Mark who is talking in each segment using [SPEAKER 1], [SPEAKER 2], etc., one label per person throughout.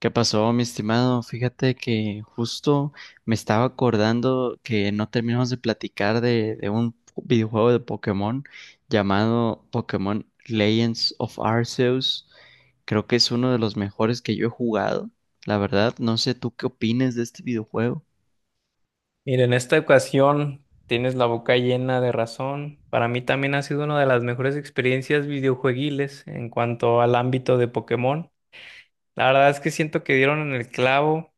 [SPEAKER 1] ¿Qué pasó, mi estimado? Fíjate que justo me estaba acordando que no terminamos de platicar de un videojuego de Pokémon llamado Pokémon Legends of Arceus. Creo que es uno de los mejores que yo he jugado. La verdad, no sé tú qué opines de este videojuego.
[SPEAKER 2] Mira, en esta ocasión tienes la boca llena de razón. Para mí también ha sido una de las mejores experiencias videojueguiles en cuanto al ámbito de Pokémon. La verdad es que siento que dieron en el clavo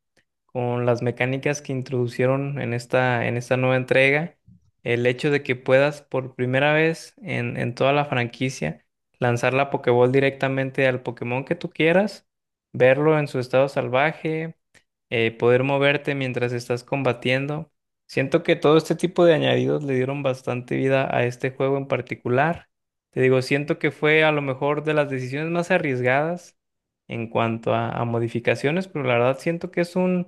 [SPEAKER 2] con las mecánicas que introducieron en esta nueva entrega, el hecho de que puedas por primera vez en toda la franquicia lanzar la Pokéball directamente al Pokémon que tú quieras, verlo en su estado salvaje, poder moverte mientras estás combatiendo. Siento que todo este tipo de añadidos le dieron bastante vida a este juego en particular. Te digo, siento que fue a lo mejor de las decisiones más arriesgadas en cuanto a modificaciones, pero la verdad siento que es un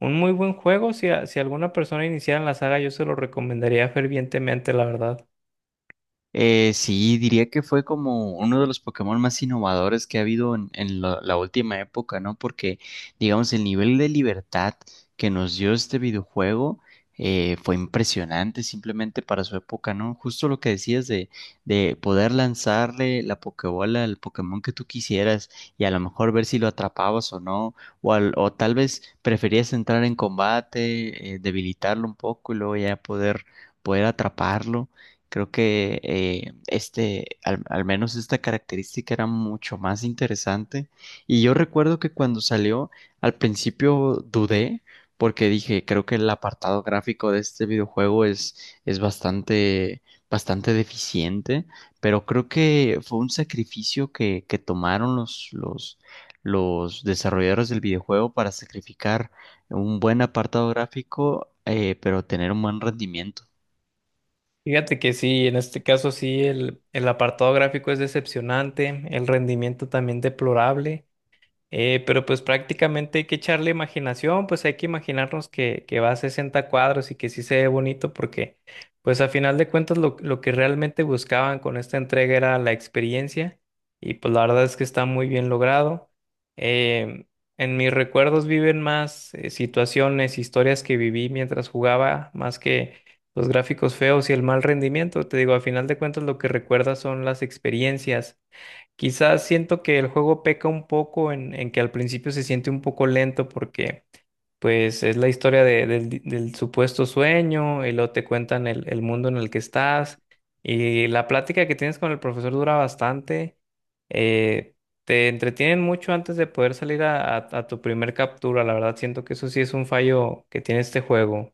[SPEAKER 2] un muy buen juego, si, si alguna persona iniciara en la saga, yo se lo recomendaría fervientemente, la verdad.
[SPEAKER 1] Sí, diría que fue como uno de los Pokémon más innovadores que ha habido en la última época, ¿no? Porque, digamos, el nivel de libertad que nos dio este videojuego fue impresionante simplemente para su época, ¿no? Justo lo que decías de poder lanzarle la Pokébola al Pokémon que tú quisieras y a lo mejor ver si lo atrapabas o no, o tal vez preferías entrar en combate, debilitarlo un poco y luego ya poder atraparlo. Creo que al menos esta característica era mucho más interesante. Y yo recuerdo que cuando salió, al principio dudé, porque dije, creo que el apartado gráfico de este videojuego es bastante, bastante deficiente, pero creo que fue un sacrificio que tomaron los desarrolladores del videojuego para sacrificar un buen apartado gráfico, pero tener un buen rendimiento.
[SPEAKER 2] Fíjate que sí, en este caso sí, el apartado gráfico es decepcionante, el rendimiento también deplorable. Pero pues prácticamente hay que echarle imaginación, pues hay que imaginarnos que va a 60 cuadros y que sí se ve bonito porque pues a final de cuentas lo que realmente buscaban con esta entrega era la experiencia y pues la verdad es que está muy bien logrado. Em, en mis recuerdos viven más situaciones, historias que viví mientras jugaba, más que los gráficos feos y el mal rendimiento. Te digo, a final de cuentas lo que recuerdas son las experiencias. Quizás siento que el juego peca un poco en que al principio se siente un poco lento porque pues es la historia del supuesto sueño y luego te cuentan el mundo en el que estás y la plática que tienes con el profesor dura bastante. eh, Te entretienen mucho antes de poder salir a tu primer captura. La verdad siento que eso sí es un fallo que tiene este juego.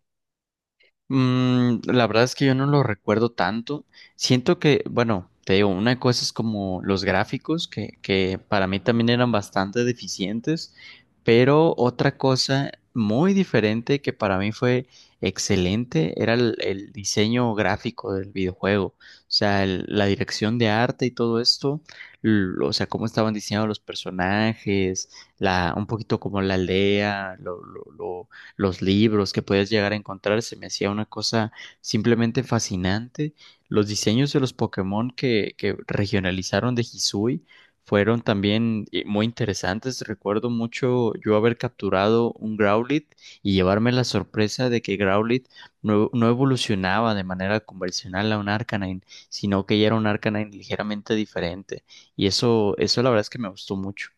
[SPEAKER 1] Mm, la verdad es que yo no lo recuerdo tanto. Siento que, bueno, te digo, una cosa es como los gráficos, que para mí también eran bastante deficientes, pero otra cosa muy diferente que para mí fue excelente era el diseño gráfico del videojuego. O sea, la dirección de arte y todo esto, o sea, cómo estaban diseñados los personajes, un poquito como la aldea, lo los libros que podías llegar a encontrar, se me hacía una cosa simplemente fascinante. Los diseños de los Pokémon que regionalizaron de Hisui fueron también muy interesantes. Recuerdo mucho yo haber capturado un Growlithe y llevarme la sorpresa de que Growlithe no evolucionaba de manera convencional a un Arcanine, sino que ya era un Arcanine ligeramente diferente. Y eso la verdad es que me gustó mucho.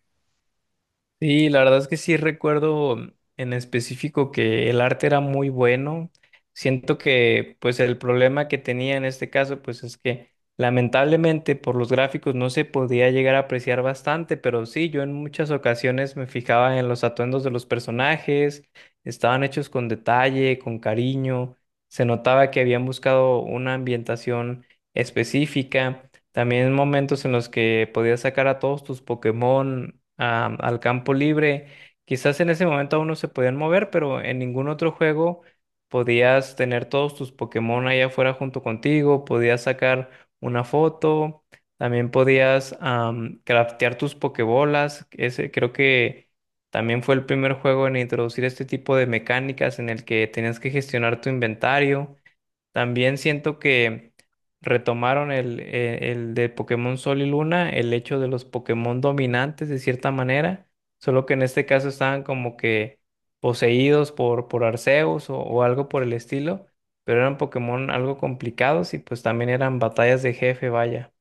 [SPEAKER 2] Sí, la verdad es que sí recuerdo en específico que el arte era muy bueno. Siento que pues el problema que tenía en este caso pues es que lamentablemente por los gráficos no se podía llegar a apreciar bastante, pero sí, yo en muchas ocasiones me fijaba en los atuendos de los personajes, estaban hechos con detalle, con cariño, se notaba que habían buscado una ambientación específica. También momentos en los que podías sacar a todos tus Pokémon al campo libre. Quizás en ese momento aún no se podían mover, pero en ningún otro juego podías tener todos tus Pokémon allá afuera junto contigo, podías sacar una foto, también podías craftear tus Pokébolas. Ese creo que también fue el primer juego en introducir este tipo de mecánicas en el que tenías que gestionar tu inventario. También siento que retomaron el de Pokémon Sol y Luna, el hecho de los Pokémon dominantes de cierta manera, solo que en este caso estaban como que poseídos por Arceus o algo por el estilo, pero eran Pokémon algo complicados y pues también eran batallas de jefe, vaya.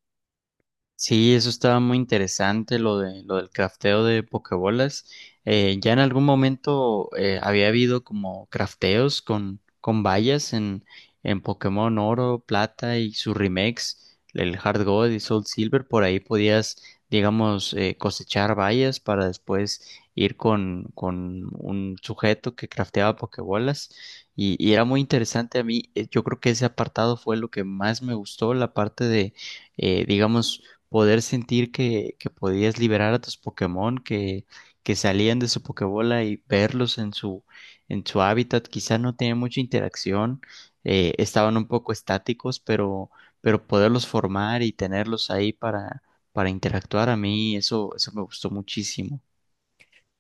[SPEAKER 1] Sí, eso estaba muy interesante, lo de lo del crafteo de pokebolas. Ya en algún momento había habido como crafteos con vallas en Pokémon Oro, Plata y sus remakes, el Hard Gold y Soul Silver. Por ahí podías, digamos, cosechar vallas para después ir con un sujeto que crafteaba pokebolas. Y era muy interesante a mí. Yo creo que ese apartado fue lo que más me gustó, la parte de digamos, poder sentir que podías liberar a tus Pokémon que salían de su Pokébola y verlos en su hábitat. Quizá no tenían mucha interacción, estaban un poco estáticos, pero poderlos formar y tenerlos ahí para interactuar a mí, eso me gustó muchísimo.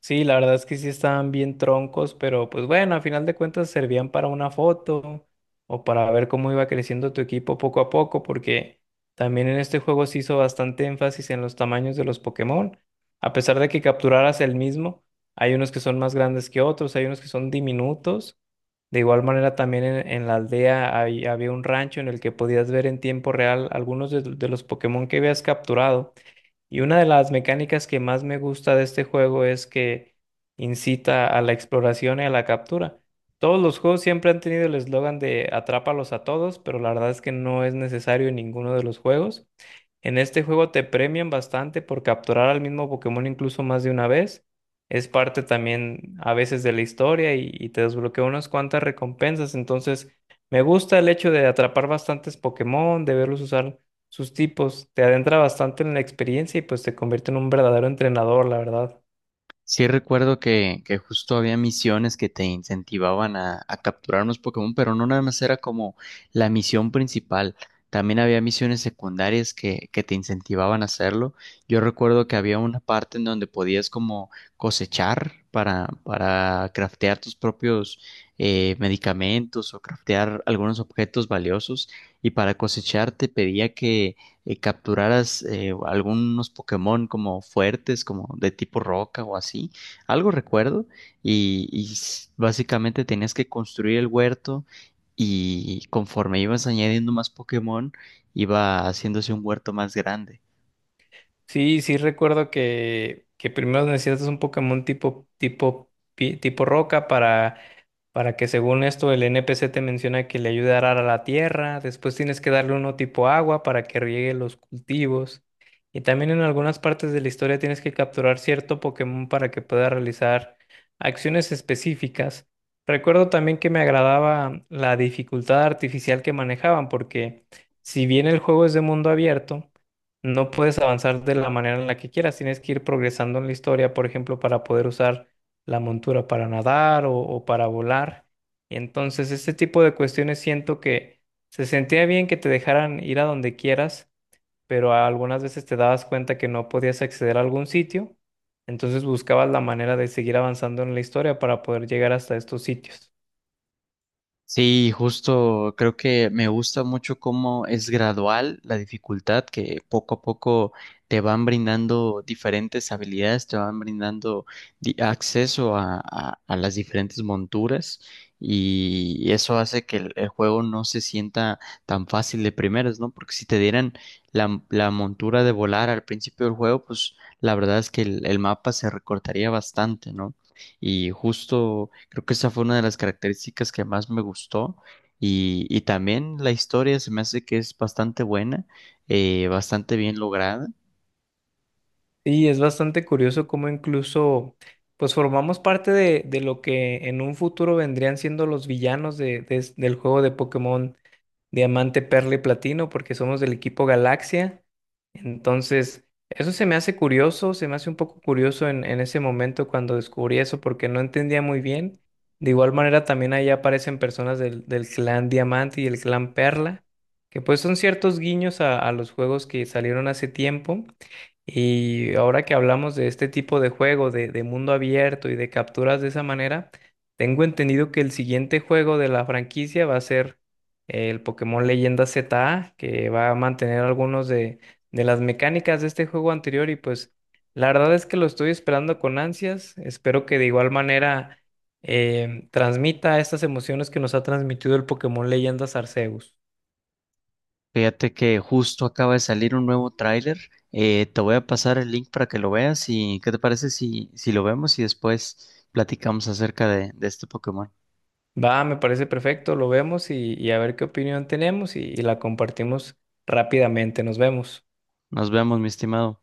[SPEAKER 2] Sí, la verdad es que sí estaban bien troncos, pero pues bueno, a final de cuentas servían para una foto o para ver cómo iba creciendo tu equipo poco a poco, porque también en este juego se hizo bastante énfasis en los tamaños de los Pokémon. A pesar de que capturaras el mismo, hay unos que son más grandes que otros, hay unos que son diminutos. De igual manera, también en la aldea había un rancho en el que podías ver en tiempo real algunos de los Pokémon que habías capturado. Y una de las mecánicas que más me gusta de este juego es que incita a la exploración y a la captura. Todos los juegos siempre han tenido el eslogan de atrápalos a todos, pero la verdad es que no es necesario en ninguno de los juegos. En este juego te premian bastante por capturar al mismo Pokémon incluso más de una vez. Es parte también a veces de la historia y te desbloquea unas cuantas recompensas. Entonces, me gusta el hecho de atrapar bastantes Pokémon, de verlos usar sus tipos, te adentra bastante en la experiencia y pues te convierte en un verdadero entrenador, la verdad.
[SPEAKER 1] Sí recuerdo que justo había misiones que te incentivaban a capturar unos Pokémon, pero no nada más era como la misión principal. También había misiones secundarias que te incentivaban a hacerlo. Yo recuerdo que había una parte en donde podías como cosechar para craftear tus propios medicamentos o craftear algunos objetos valiosos. Y para cosechar te pedía que capturaras algunos Pokémon como fuertes, como de tipo roca o así, algo recuerdo, y, básicamente tenías que construir el huerto y conforme ibas añadiendo más Pokémon, iba haciéndose un huerto más grande.
[SPEAKER 2] Sí, sí recuerdo que primero necesitas un Pokémon tipo roca para. Para que según esto el NPC te menciona que le ayude a arar a la tierra, después tienes que darle uno tipo agua para que riegue los cultivos. Y también en algunas partes de la historia tienes que capturar cierto Pokémon para que pueda realizar acciones específicas. Recuerdo también que me agradaba la dificultad artificial que manejaban, porque si bien el juego es de mundo abierto, no puedes avanzar de la manera en la que quieras, tienes que ir progresando en la historia, por ejemplo, para poder usar la montura para nadar o para volar. Y entonces este tipo de cuestiones siento que se sentía bien que te dejaran ir a donde quieras, pero algunas veces te dabas cuenta que no podías acceder a algún sitio, entonces buscabas la manera de seguir avanzando en la historia para poder llegar hasta estos sitios.
[SPEAKER 1] Sí, justo creo que me gusta mucho cómo es gradual la dificultad, que poco a poco te van brindando diferentes habilidades, te van brindando acceso a, a las diferentes monturas y eso hace que el juego no se sienta tan fácil de primeras, ¿no? Porque si te dieran la montura de volar al principio del juego, pues la verdad es que el mapa se recortaría bastante, ¿no? Y justo creo que esa fue una de las características que más me gustó. Y también la historia se me hace que es bastante buena, bastante bien lograda.
[SPEAKER 2] Sí, es bastante curioso cómo incluso pues formamos parte de lo que en un futuro vendrían siendo los villanos del juego de Pokémon Diamante, Perla y Platino, porque somos del equipo Galaxia. Entonces, eso se me hace curioso, se me hace un poco curioso en ese momento cuando descubrí eso, porque no entendía muy bien. De igual manera, también ahí aparecen personas del clan Diamante y el clan Perla, que pues son ciertos guiños a los juegos que salieron hace tiempo. Y ahora que hablamos de este tipo de juego, de mundo abierto y de capturas de esa manera, tengo entendido que el siguiente juego de la franquicia va a ser el Pokémon Leyenda ZA, que va a mantener algunos de las mecánicas de este juego anterior. Y pues la verdad es que lo estoy esperando con ansias. Espero que de igual manera transmita estas emociones que nos ha transmitido el Pokémon Leyenda Arceus.
[SPEAKER 1] Fíjate que justo acaba de salir un nuevo tráiler. Te voy a pasar el link para que lo veas y ¿qué te parece si, si lo vemos y después platicamos acerca de este Pokémon?
[SPEAKER 2] Va, me parece perfecto, lo vemos y a ver qué opinión tenemos y la compartimos rápidamente. Nos vemos.
[SPEAKER 1] Nos vemos, mi estimado.